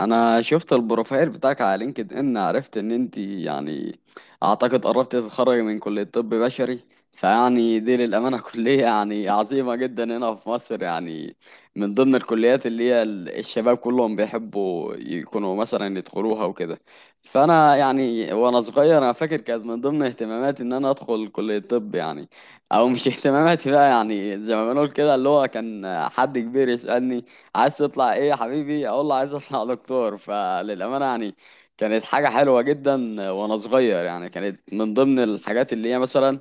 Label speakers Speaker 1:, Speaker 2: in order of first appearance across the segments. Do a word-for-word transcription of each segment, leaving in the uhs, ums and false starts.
Speaker 1: انا شفت البروفايل بتاعك على لينكد ان، عرفت ان انت يعني اعتقد قربت تتخرجي من كلية طب بشري. فيعني دي للامانة كلية يعني عظيمة جدا هنا في مصر، يعني من ضمن الكليات اللي هي ال- الشباب كلهم بيحبوا يكونوا مثلا يدخلوها وكده. فانا يعني وانا صغير انا فاكر كانت من ضمن اهتماماتي ان انا ادخل كلية طب، يعني او مش اهتماماتي بقى، يعني زي ما بنقول كده، اللي هو كان حد كبير يسألني عايز تطلع ايه يا حبيبي، اقول له عايز اطلع دكتور. فللامانه يعني كانت حاجه حلوه جدا. وانا صغير يعني كانت من ضمن الحاجات اللي هي مثلا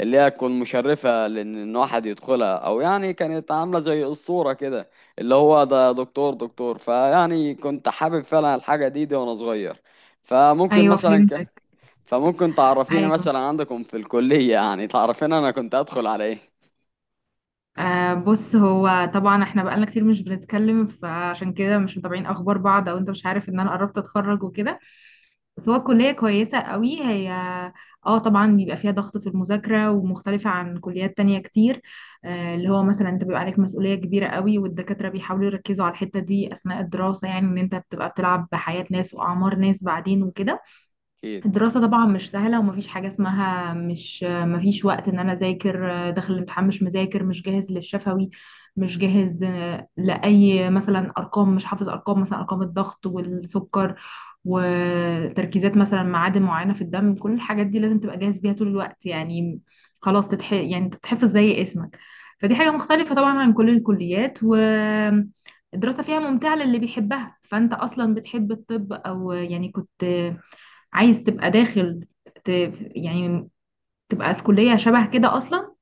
Speaker 1: اللي هي تكون مشرفه، لان إن واحد يدخلها، او يعني كانت عامله زي الصوره كده، اللي هو ده دكتور دكتور. فيعني كنت حابب فعلا الحاجه دي دي وانا صغير. فممكن
Speaker 2: ايوه
Speaker 1: مثلا ك...
Speaker 2: فهمتك.
Speaker 1: فممكن تعرفيني
Speaker 2: ايوه.
Speaker 1: مثلا عندكم في الكليه، يعني تعرفين انا كنت ادخل على ايه.
Speaker 2: آه بص، هو طبعا احنا بقالنا كتير مش بنتكلم، فعشان كده مش متابعين اخبار بعض، او انت مش عارف ان انا قربت اتخرج وكده. بس هو الكليه كويسه قوي هي. اه طبعا بيبقى فيها ضغط في المذاكره، ومختلفه عن كليات تانية كتير. آه، اللي هو مثلا انت بيبقى عليك مسؤوليه كبيره قوي، والدكاتره بيحاولوا يركزوا على الحته دي اثناء الدراسه، يعني ان انت بتبقى بتلعب بحياه ناس واعمار ناس بعدين وكده.
Speaker 1: اكيد.
Speaker 2: الدراسة طبعا مش سهلة، ومفيش حاجة اسمها مش مفيش وقت، ان انا اذاكر داخل الامتحان مش مذاكر، مش جاهز للشفوي، مش جاهز. آه، لأي مثلا ارقام، مش حافظ ارقام، مثلا ارقام الضغط والسكر وتركيزات، مثلا معادن معينة في الدم. كل الحاجات دي لازم تبقى جاهز بيها طول الوقت يعني. خلاص تتح... يعني تتحفظ زي اسمك. فدي حاجة مختلفة طبعا عن كل الكليات. و الدراسة فيها ممتعة للي بيحبها، فأنت أصلا بتحب الطب، أو يعني كنت عايز تبقى داخل، ت... يعني تبقى في كلية شبه كده أصلا.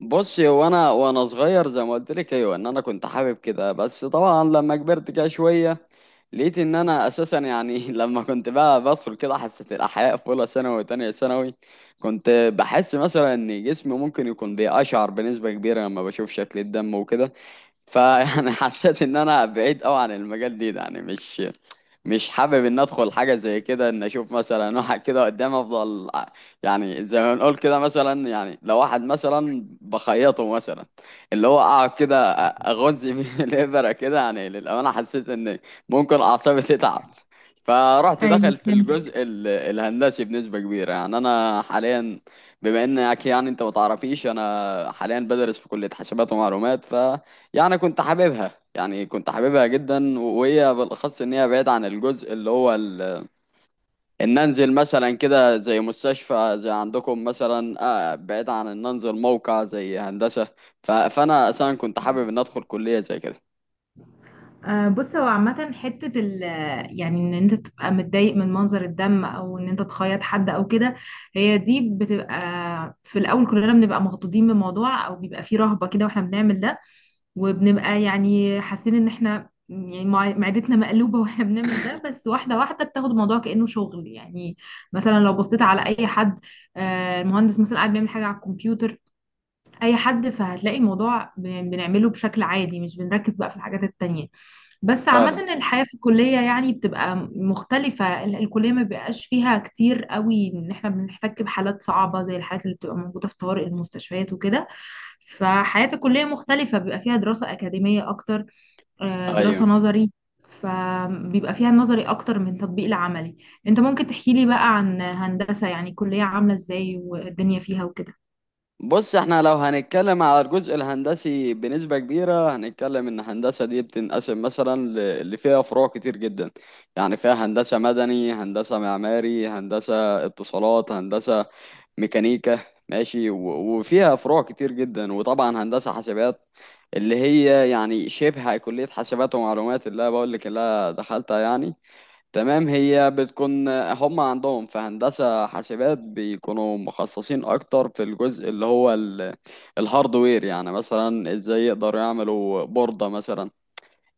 Speaker 1: بصي، هو انا وانا صغير زي ما قلت لك، ايوه، ان انا كنت حابب كده، بس طبعا لما كبرت كده شويه لقيت ان انا اساسا يعني لما كنت بقى بدخل كده حصه الاحياء في اولى ثانوي وتانية ثانوي، كنت بحس مثلا ان جسمي ممكن يكون بيقشعر بنسبه كبيره لما بشوف شكل الدم وكده. فيعني حسيت ان انا بعيد قوي عن المجال دي ده يعني، مش مش حابب ان ادخل حاجه زي كده، ان اشوف مثلا واحد كده قدام افضل ع- يعني زي ما نقول كده، مثلا يعني لو واحد مثلا بخيطه مثلا، اللي هو اقعد كده أ- اغز بيه الابره كده، يعني للامانه حسيت ان ممكن اعصابي تتعب. فرحت
Speaker 2: ايوه
Speaker 1: دخل في
Speaker 2: فهمتك.
Speaker 1: الجزء ال- الهندسي بنسبه كبيره. يعني انا حاليا، بما انك يعني انت ما تعرفيش، انا حاليا بدرس في كليه حاسبات ومعلومات. ف يعني كنت حاببها، يعني كنت حاببها جدا، وهي بالاخص ان هي بعيد عن الجزء اللي هو ال... ان انزل مثلا كده زي مستشفى زي عندكم مثلا. آه، بعيد عن ان انزل موقع زي هندسة. ف... فانا اصلا كنت حابب ان ادخل كلية زي كده.
Speaker 2: آه، بص، هو عامة حتة ال، يعني ان انت تبقى متضايق من منظر الدم، او ان انت تخيط حد او كده، هي دي بتبقى في الاول كلنا بنبقى مخضوضين بالموضوع، او بيبقى فيه رهبة كده واحنا بنعمل ده، وبنبقى يعني حاسين ان احنا يعني مع- معدتنا مقلوبة واحنا بنعمل ده. بس واحدة واحدة بتاخد الموضوع كأنه شغل يعني. مثلا لو بصيت على اي حد، آه، المهندس مثلا قاعد بيعمل حاجة على الكمبيوتر، اي حد، فهتلاقي الموضوع ب- بنعمله بشكل عادي، مش بنركز بقى في الحاجات التانية. بس
Speaker 1: فعلا،
Speaker 2: عامة الحياة في الكلية يعني بتبقى مختلفة. ال- الكلية ما بيبقاش فيها كتير قوي ان احنا بنحتك بحالات صعبة زي الحالات اللي بتبقى موجودة في طوارئ المستشفيات وكده. فحياة الكلية مختلفة، بيبقى فيها دراسة أكاديمية أكتر، آه،
Speaker 1: ايوه.
Speaker 2: دراسة نظري، فبيبقى فيها نظري أكتر من تطبيق العملي. انت ممكن تحكي لي بقى عن هندسة، يعني كلية عاملة ازاي، والدنيا فيها وكده؟
Speaker 1: بص، احنا لو هنتكلم على الجزء الهندسي بنسبة كبيرة، هنتكلم ان الهندسة دي بتنقسم مثلا ل- اللي فيها فروع كتير جدا. يعني فيها هندسة مدني، هندسة معماري، هندسة اتصالات، هندسة ميكانيكا، ماشي، و- وفيها فروع كتير جدا، وطبعا هندسة حاسبات، اللي هي يعني شبه كلية حاسبات ومعلومات اللي أنا بقول لك، اللي أنا دخلتها يعني. تمام، هي بتكون هم عندهم في هندسة حاسبات بيكونوا مخصصين أكتر في الجزء اللي هو ال- الهاردوير، يعني مثلا إزاي يقدروا يعملوا بوردة مثلا.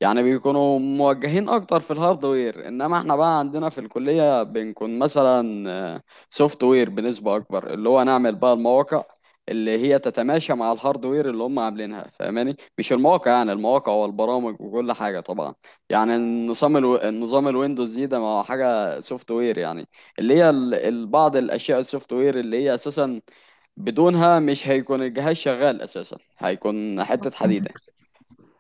Speaker 1: يعني بيكونوا موجهين اكتر في الهاردوير، انما احنا بقى عندنا في الكلية بنكون مثلا سوفت وير بنسبة اكبر، اللي هو نعمل بقى المواقع اللي هي تتماشى مع الهاردوير اللي هم عاملينها، فاهماني، مش المواقع، يعني المواقع والبرامج وكل حاجة طبعا. يعني النظام الو... النظام الويندوز دي ده ما هو حاجة سوفت وير يعني، اللي هي ال... ال- بعض الاشياء السوفت وير اللي هي اساسا بدونها مش هيكون الجهاز شغال، اساسا هيكون حتة حديدة.
Speaker 2: فهمتك.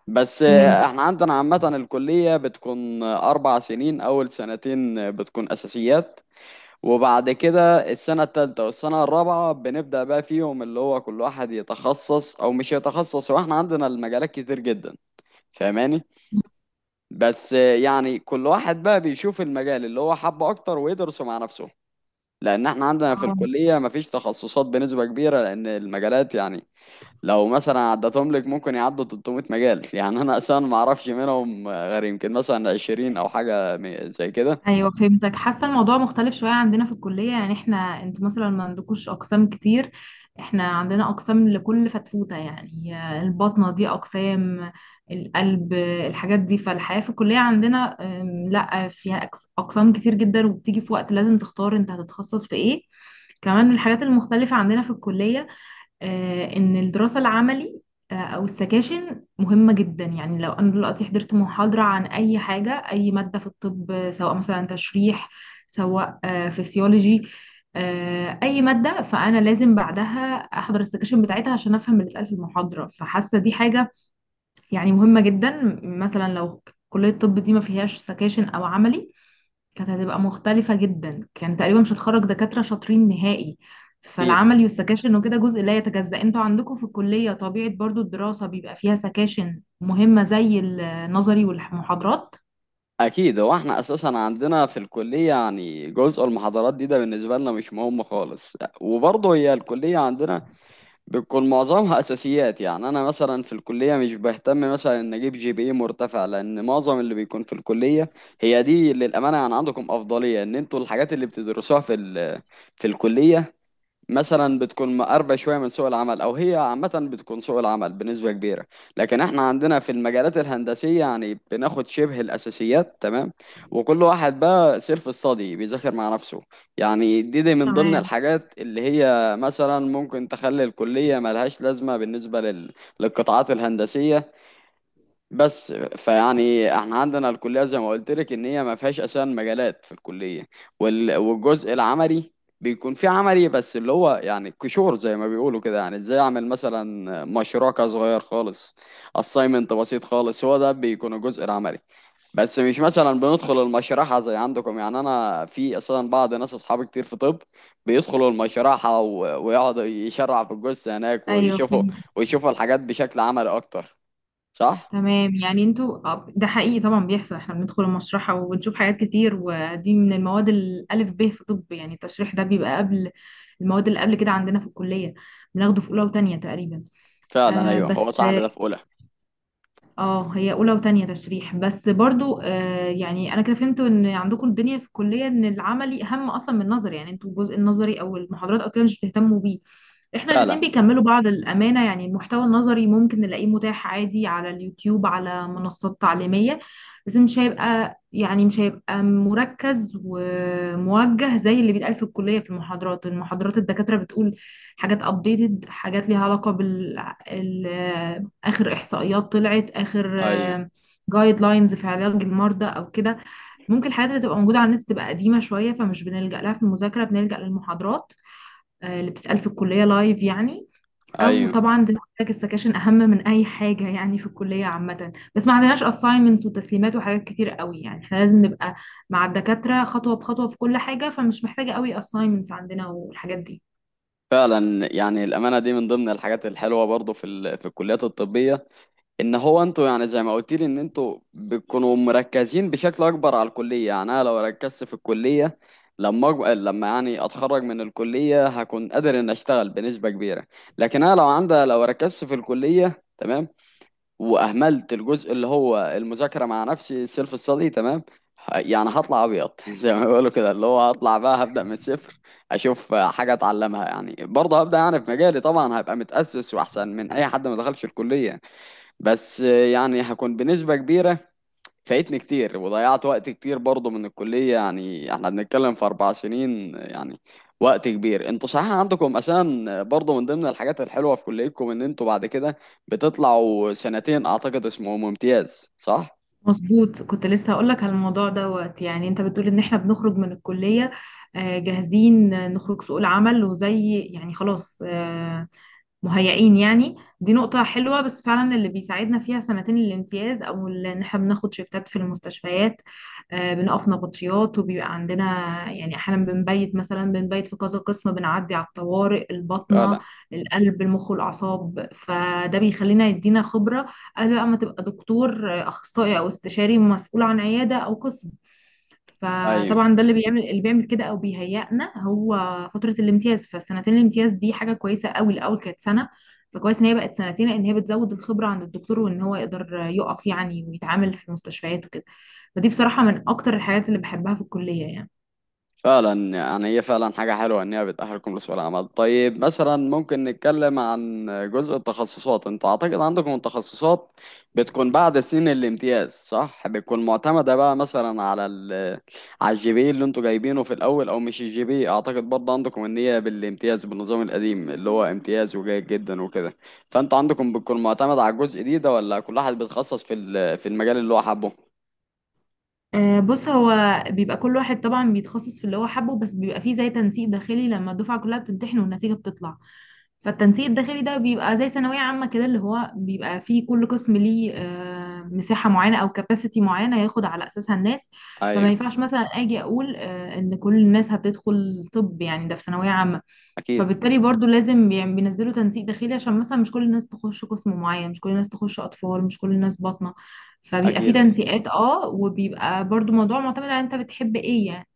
Speaker 1: بس
Speaker 2: فهمتك.
Speaker 1: احنا عندنا عامة الكلية بتكون أربع سنين، أول سنتين بتكون أساسيات، وبعد كده السنة التالتة والسنة الرابعة بنبدأ بقى فيهم اللي هو كل واحد يتخصص أو مش يتخصص، هو احنا عندنا المجالات كتير جدا، فاهماني. بس يعني كل واحد بقى بيشوف المجال اللي هو حبه أكتر، ويدرسه مع نفسه، لأن احنا عندنا في
Speaker 2: آه،
Speaker 1: الكلية مفيش تخصصات بنسبة كبيرة، لأن المجالات، يعني لو مثلا عدتهم لك ممكن يعدوا تلتمية مجال، يعني انا اصلا ما اعرفش منهم غير يمكن مثلا عشرين او حاجه م- زي كده.
Speaker 2: ايوه فهمتك. حاسه الموضوع مختلف شويه عندنا في الكليه، يعني احنا، انتوا مثلا ما عندكوش اقسام كتير. احنا عندنا اقسام لكل فتفوته يعني. البطنه دي اقسام، القلب، الحاجات دي. فالحياه في الكليه عندنا، أم، لا فيها أقس- اقسام كتير جدا، وبتيجي في وقت لازم تختار انت هتتخصص في ايه. كمان من الحاجات المختلفه عندنا في الكليه، آه، ان الدراسه العملي، آه، او السكاشن مهمه جدا. يعني لو انا دلوقتي حضرت محاضره عن اي حاجه، اي ماده في الطب، آه، سواء مثلا تشريح، سواء آه، فسيولوجي، آه، اي ماده، فانا لازم بعدها احضر السكاشن بتاعتها عشان افهم اللي اتقال في المحاضره. فحاسه دي حاجه يعني مهمه جدا. مثلا لو كليه الطب دي ما فيهاش سكاشن او عملي، كانت هتبقى مختلفة جدا، كان تقريبا مش هتخرج دكاترة شاطرين نهائي.
Speaker 1: اكيد.
Speaker 2: فالعملي والسكاشن وكده جزء لا يتجزأ. انتوا عندكم في الكلية طبيعة برضو الدراسة بيبقى فيها سكاشن مهمة زي النظري والمحاضرات؟
Speaker 1: اكيد، هو احنا اساسا عندنا في الكليه، يعني جزء المحاضرات دي ده بالنسبه لنا مش مهم خالص، وبرضه هي الكليه عندنا بتكون معظمها اساسيات. يعني انا مثلا في الكليه مش بهتم مثلا ان اجيب جي بي اي مرتفع، لان معظم اللي بيكون في الكليه، هي دي للامانه، يعني عندكم افضليه ان انتوا الحاجات اللي بتدرسوها في ال- في الكليه مثلا بتكون مقربة شوية من سوق العمل، أو هي عامة بتكون سوق العمل بنسبة كبيرة. لكن احنا عندنا في المجالات الهندسية يعني بناخد شبه الأساسيات، تمام، وكل واحد بقى سيلف ستادي بيذاكر مع نفسه. يعني دي, دي من ضمن
Speaker 2: تمام.
Speaker 1: الحاجات اللي هي مثلا ممكن تخلي الكلية ملهاش لازمة بالنسبة لل... للقطاعات الهندسية. بس فيعني احنا عندنا الكليه زي ما قلت لك ان هي ما فيهاش اساسا مجالات في الكليه، وال- والجزء العملي بيكون فيه عملي، بس اللي هو يعني كشور زي ما بيقولوا كده، يعني ازاي اعمل مثلا مشروع كده صغير خالص، assignment بسيط خالص، هو ده بيكون الجزء العملي. بس مش مثلا بندخل المشرحه زي عندكم. يعني انا في اساسا بعض ناس اصحابي كتير في طب بيدخلوا المشرحه، و- ويقعدوا يشرح في الجثه هناك
Speaker 2: ايوه
Speaker 1: ويشوفوا،
Speaker 2: فهمت.
Speaker 1: ويشوفوا الحاجات بشكل عملي اكتر. صح.
Speaker 2: تمام، يعني انتوا، آه، ده حقيقي طبعا بيحصل، احنا بندخل المشرحة وبنشوف حاجات كتير، ودي من المواد الألف ب في طب، يعني التشريح ده بيبقى قبل المواد اللي قبل كده عندنا في الكلية، بناخده في أولى وتانية تقريبا.
Speaker 1: فعلا،
Speaker 2: آه
Speaker 1: ايوه، هو
Speaker 2: بس.
Speaker 1: صاحبي ده في اولى.
Speaker 2: اه هي اولى وتانية تشريح بس برضو. آه، يعني انا كده فهمت ان عندكم الدنيا في الكلية ان العملي اهم اصلا من النظري، يعني انتوا الجزء النظري او المحاضرات او كده مش بتهتموا بيه. احنا
Speaker 1: فعلا،
Speaker 2: الاتنين بيكملوا بعض الامانة، يعني المحتوى النظري ممكن نلاقيه متاح عادي على اليوتيوب، على منصات تعليمية، بس مش هيبقى يعني مش هيبقى مركز وموجه زي اللي بيتقال في الكلية في المحاضرات. المحاضرات الدكاترة بتقول حاجات ابديتد، حاجات ليها علاقة بال، اخر احصائيات طلعت، اخر
Speaker 1: ايوه،
Speaker 2: جايد لاينز في علاج المرضى او كده. ممكن الحاجات اللي تبقى موجوده على النت تبقى قديمه شويه، فمش بنلجأ لها في المذاكره، بنلجأ للمحاضرات، آه، اللي بتتقال في الكليه لايف يعني. او
Speaker 1: ايوه.
Speaker 2: طبعا زي ما قلت لك السكاشن اهم من اي حاجه يعني في الكليه عامه. بس ما عندناش assignments وتسليمات وحاجات كتير قوي، يعني احنا لازم نبقى مع الدكاتره خطوه بخطوه في كل حاجه، فمش محتاجه قوي assignments عندنا والحاجات دي.
Speaker 1: فعلا، يعني الامانه دي من ضمن الحاجات الحلوه برضو في ال... في الكليات الطبيه، ان هو انتوا يعني زي ما قلت لي ان انتوا بتكونوا مركزين بشكل اكبر على الكليه. يعني انا لو ركزت في الكليه، لما أج... لما يعني اتخرج من الكليه هكون قادر ان اشتغل بنسبه كبيره. لكن انا لو عندي، لو ركزت في الكليه تمام، واهملت الجزء اللي هو المذاكره مع نفسي، سيلف ستادي، تمام، ه- يعني هطلع ابيض زي ما بيقولوا كده، اللي هو هطلع بقى هبدا من الصفر، اشوف حاجه اتعلمها، يعني برضه هبدا. يعني في مجالي طبعا هبقى متاسس واحسن من اي حد ما دخلش الكليه، بس يعني هكون بنسبه كبيره فايتني كتير، وضيعت وقت كتير برضه من الكلية. يعني احنا بنتكلم في أربع سنين، يعني وقت كبير. انتوا صحيح عندكم أساسا برضه من ضمن الحاجات الحلوة في كليتكم ان انتوا بعد كده بتطلعوا سنتين أعتقد اسمهم امتياز، صح؟
Speaker 2: مظبوط، كنت لسه هقولك على الموضوع دوت. يعني انت بتقول ان احنا بنخرج من الكلية، آه، جاهزين، آه، نخرج سوق العمل وزي يعني خلاص، آه، مهيئين يعني. دي نقطة حلوة، بس فعلا اللي بيساعدنا فيها سنتين الامتياز، أو ال، إن احنا بناخد شيفتات في المستشفيات، آه، بنقف نبطشيات، وبيبقى عندنا يعني أحيانا بنبيت، مثلا بنبيت في كذا قسم، بنعدي على الطوارئ، الباطنة،
Speaker 1: فعلا،
Speaker 2: القلب، المخ والأعصاب. فده بيخلينا يدينا خبرة قبل بقى ما تبقى دكتور، آه، أخصائي أو استشاري مسؤول عن عيادة أو قسم.
Speaker 1: أيوه.
Speaker 2: فطبعا ده اللي بيعمل، اللي بيعمل كده او بيهيئنا هو فتره الامتياز. فسنتين الامتياز دي حاجه كويسه قوي، الاول كانت سنه، فكويس ان هي بقت سنتين، لان هي بتزود الخبره عند الدكتور، وان هو يقدر يقف يعني ويتعامل في المستشفيات وكده. فدي بصراحه من اكتر الحاجات اللي بحبها في الكليه يعني.
Speaker 1: فعلا يعني هي فعلا حاجة حلوة إن هي بتأهلكم لسوق العمل. طيب مثلا ممكن نتكلم عن جزء التخصصات، أنتوا أعتقد عندكم التخصصات بتكون بعد سنين الامتياز صح؟ بتكون معتمدة بقى مثلا على ال على الجي بي إيه اللي أنتوا جايبينه في الأول، أو مش الجي بي إيه. أعتقد برضه عندكم إن هي بالامتياز بالنظام القديم اللي هو امتياز وجيد جدا وكده. فأنتوا عندكم بتكون معتمد على الجزء دي ده، ولا كل واحد بيتخصص في ال- في المجال اللي هو حابه؟
Speaker 2: آه، بص، هو بيبقى كل واحد طبعا بيتخصص في اللي هو حابه، بس بيبقى فيه زي تنسيق داخلي لما الدفعه كلها بتمتحن والنتيجه بتطلع. فالتنسيق الداخلي ده بيبقى زي ثانوية عامة كده، اللي هو بيبقى فيه كل قسم ليه، آه، مساحة معينة أو كاباسيتي معينة ياخد على أساسها الناس. فما
Speaker 1: أيوه،
Speaker 2: ينفعش مثلا أجي أقول، آه، إن كل الناس هتدخل طب يعني ده في ثانوية عامة.
Speaker 1: أكيد.
Speaker 2: فبالتالي برضو لازم يعني بينزلوا تنسيق داخلي، عشان مثلا مش كل الناس تخش قسم معين، مش كل الناس تخش أطفال، مش كل الناس باطنة. فبيبقى فيه
Speaker 1: أكيد، أيوه.
Speaker 2: تنسيقات اه، وبيبقى برضو موضوع معتمد على أنت بتحب إيه يعني.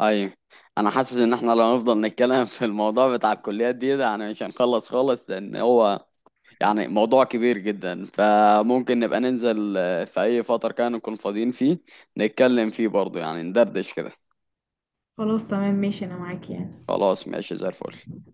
Speaker 1: ايوه. انا حاسس ان احنا لو نفضل نتكلم في الموضوع بتاع الكليات دي ده، يعني مش هنخلص خالص، لان هو يعني موضوع كبير جدا، فممكن نبقى ننزل آه، في اي فترة كان نكون فاضيين فيه، نتكلم فيه برضه، يعني ندردش كده.
Speaker 2: خلاص تمام ماشي، أنا معاك يعني.
Speaker 1: خلاص ماشي زي الفل.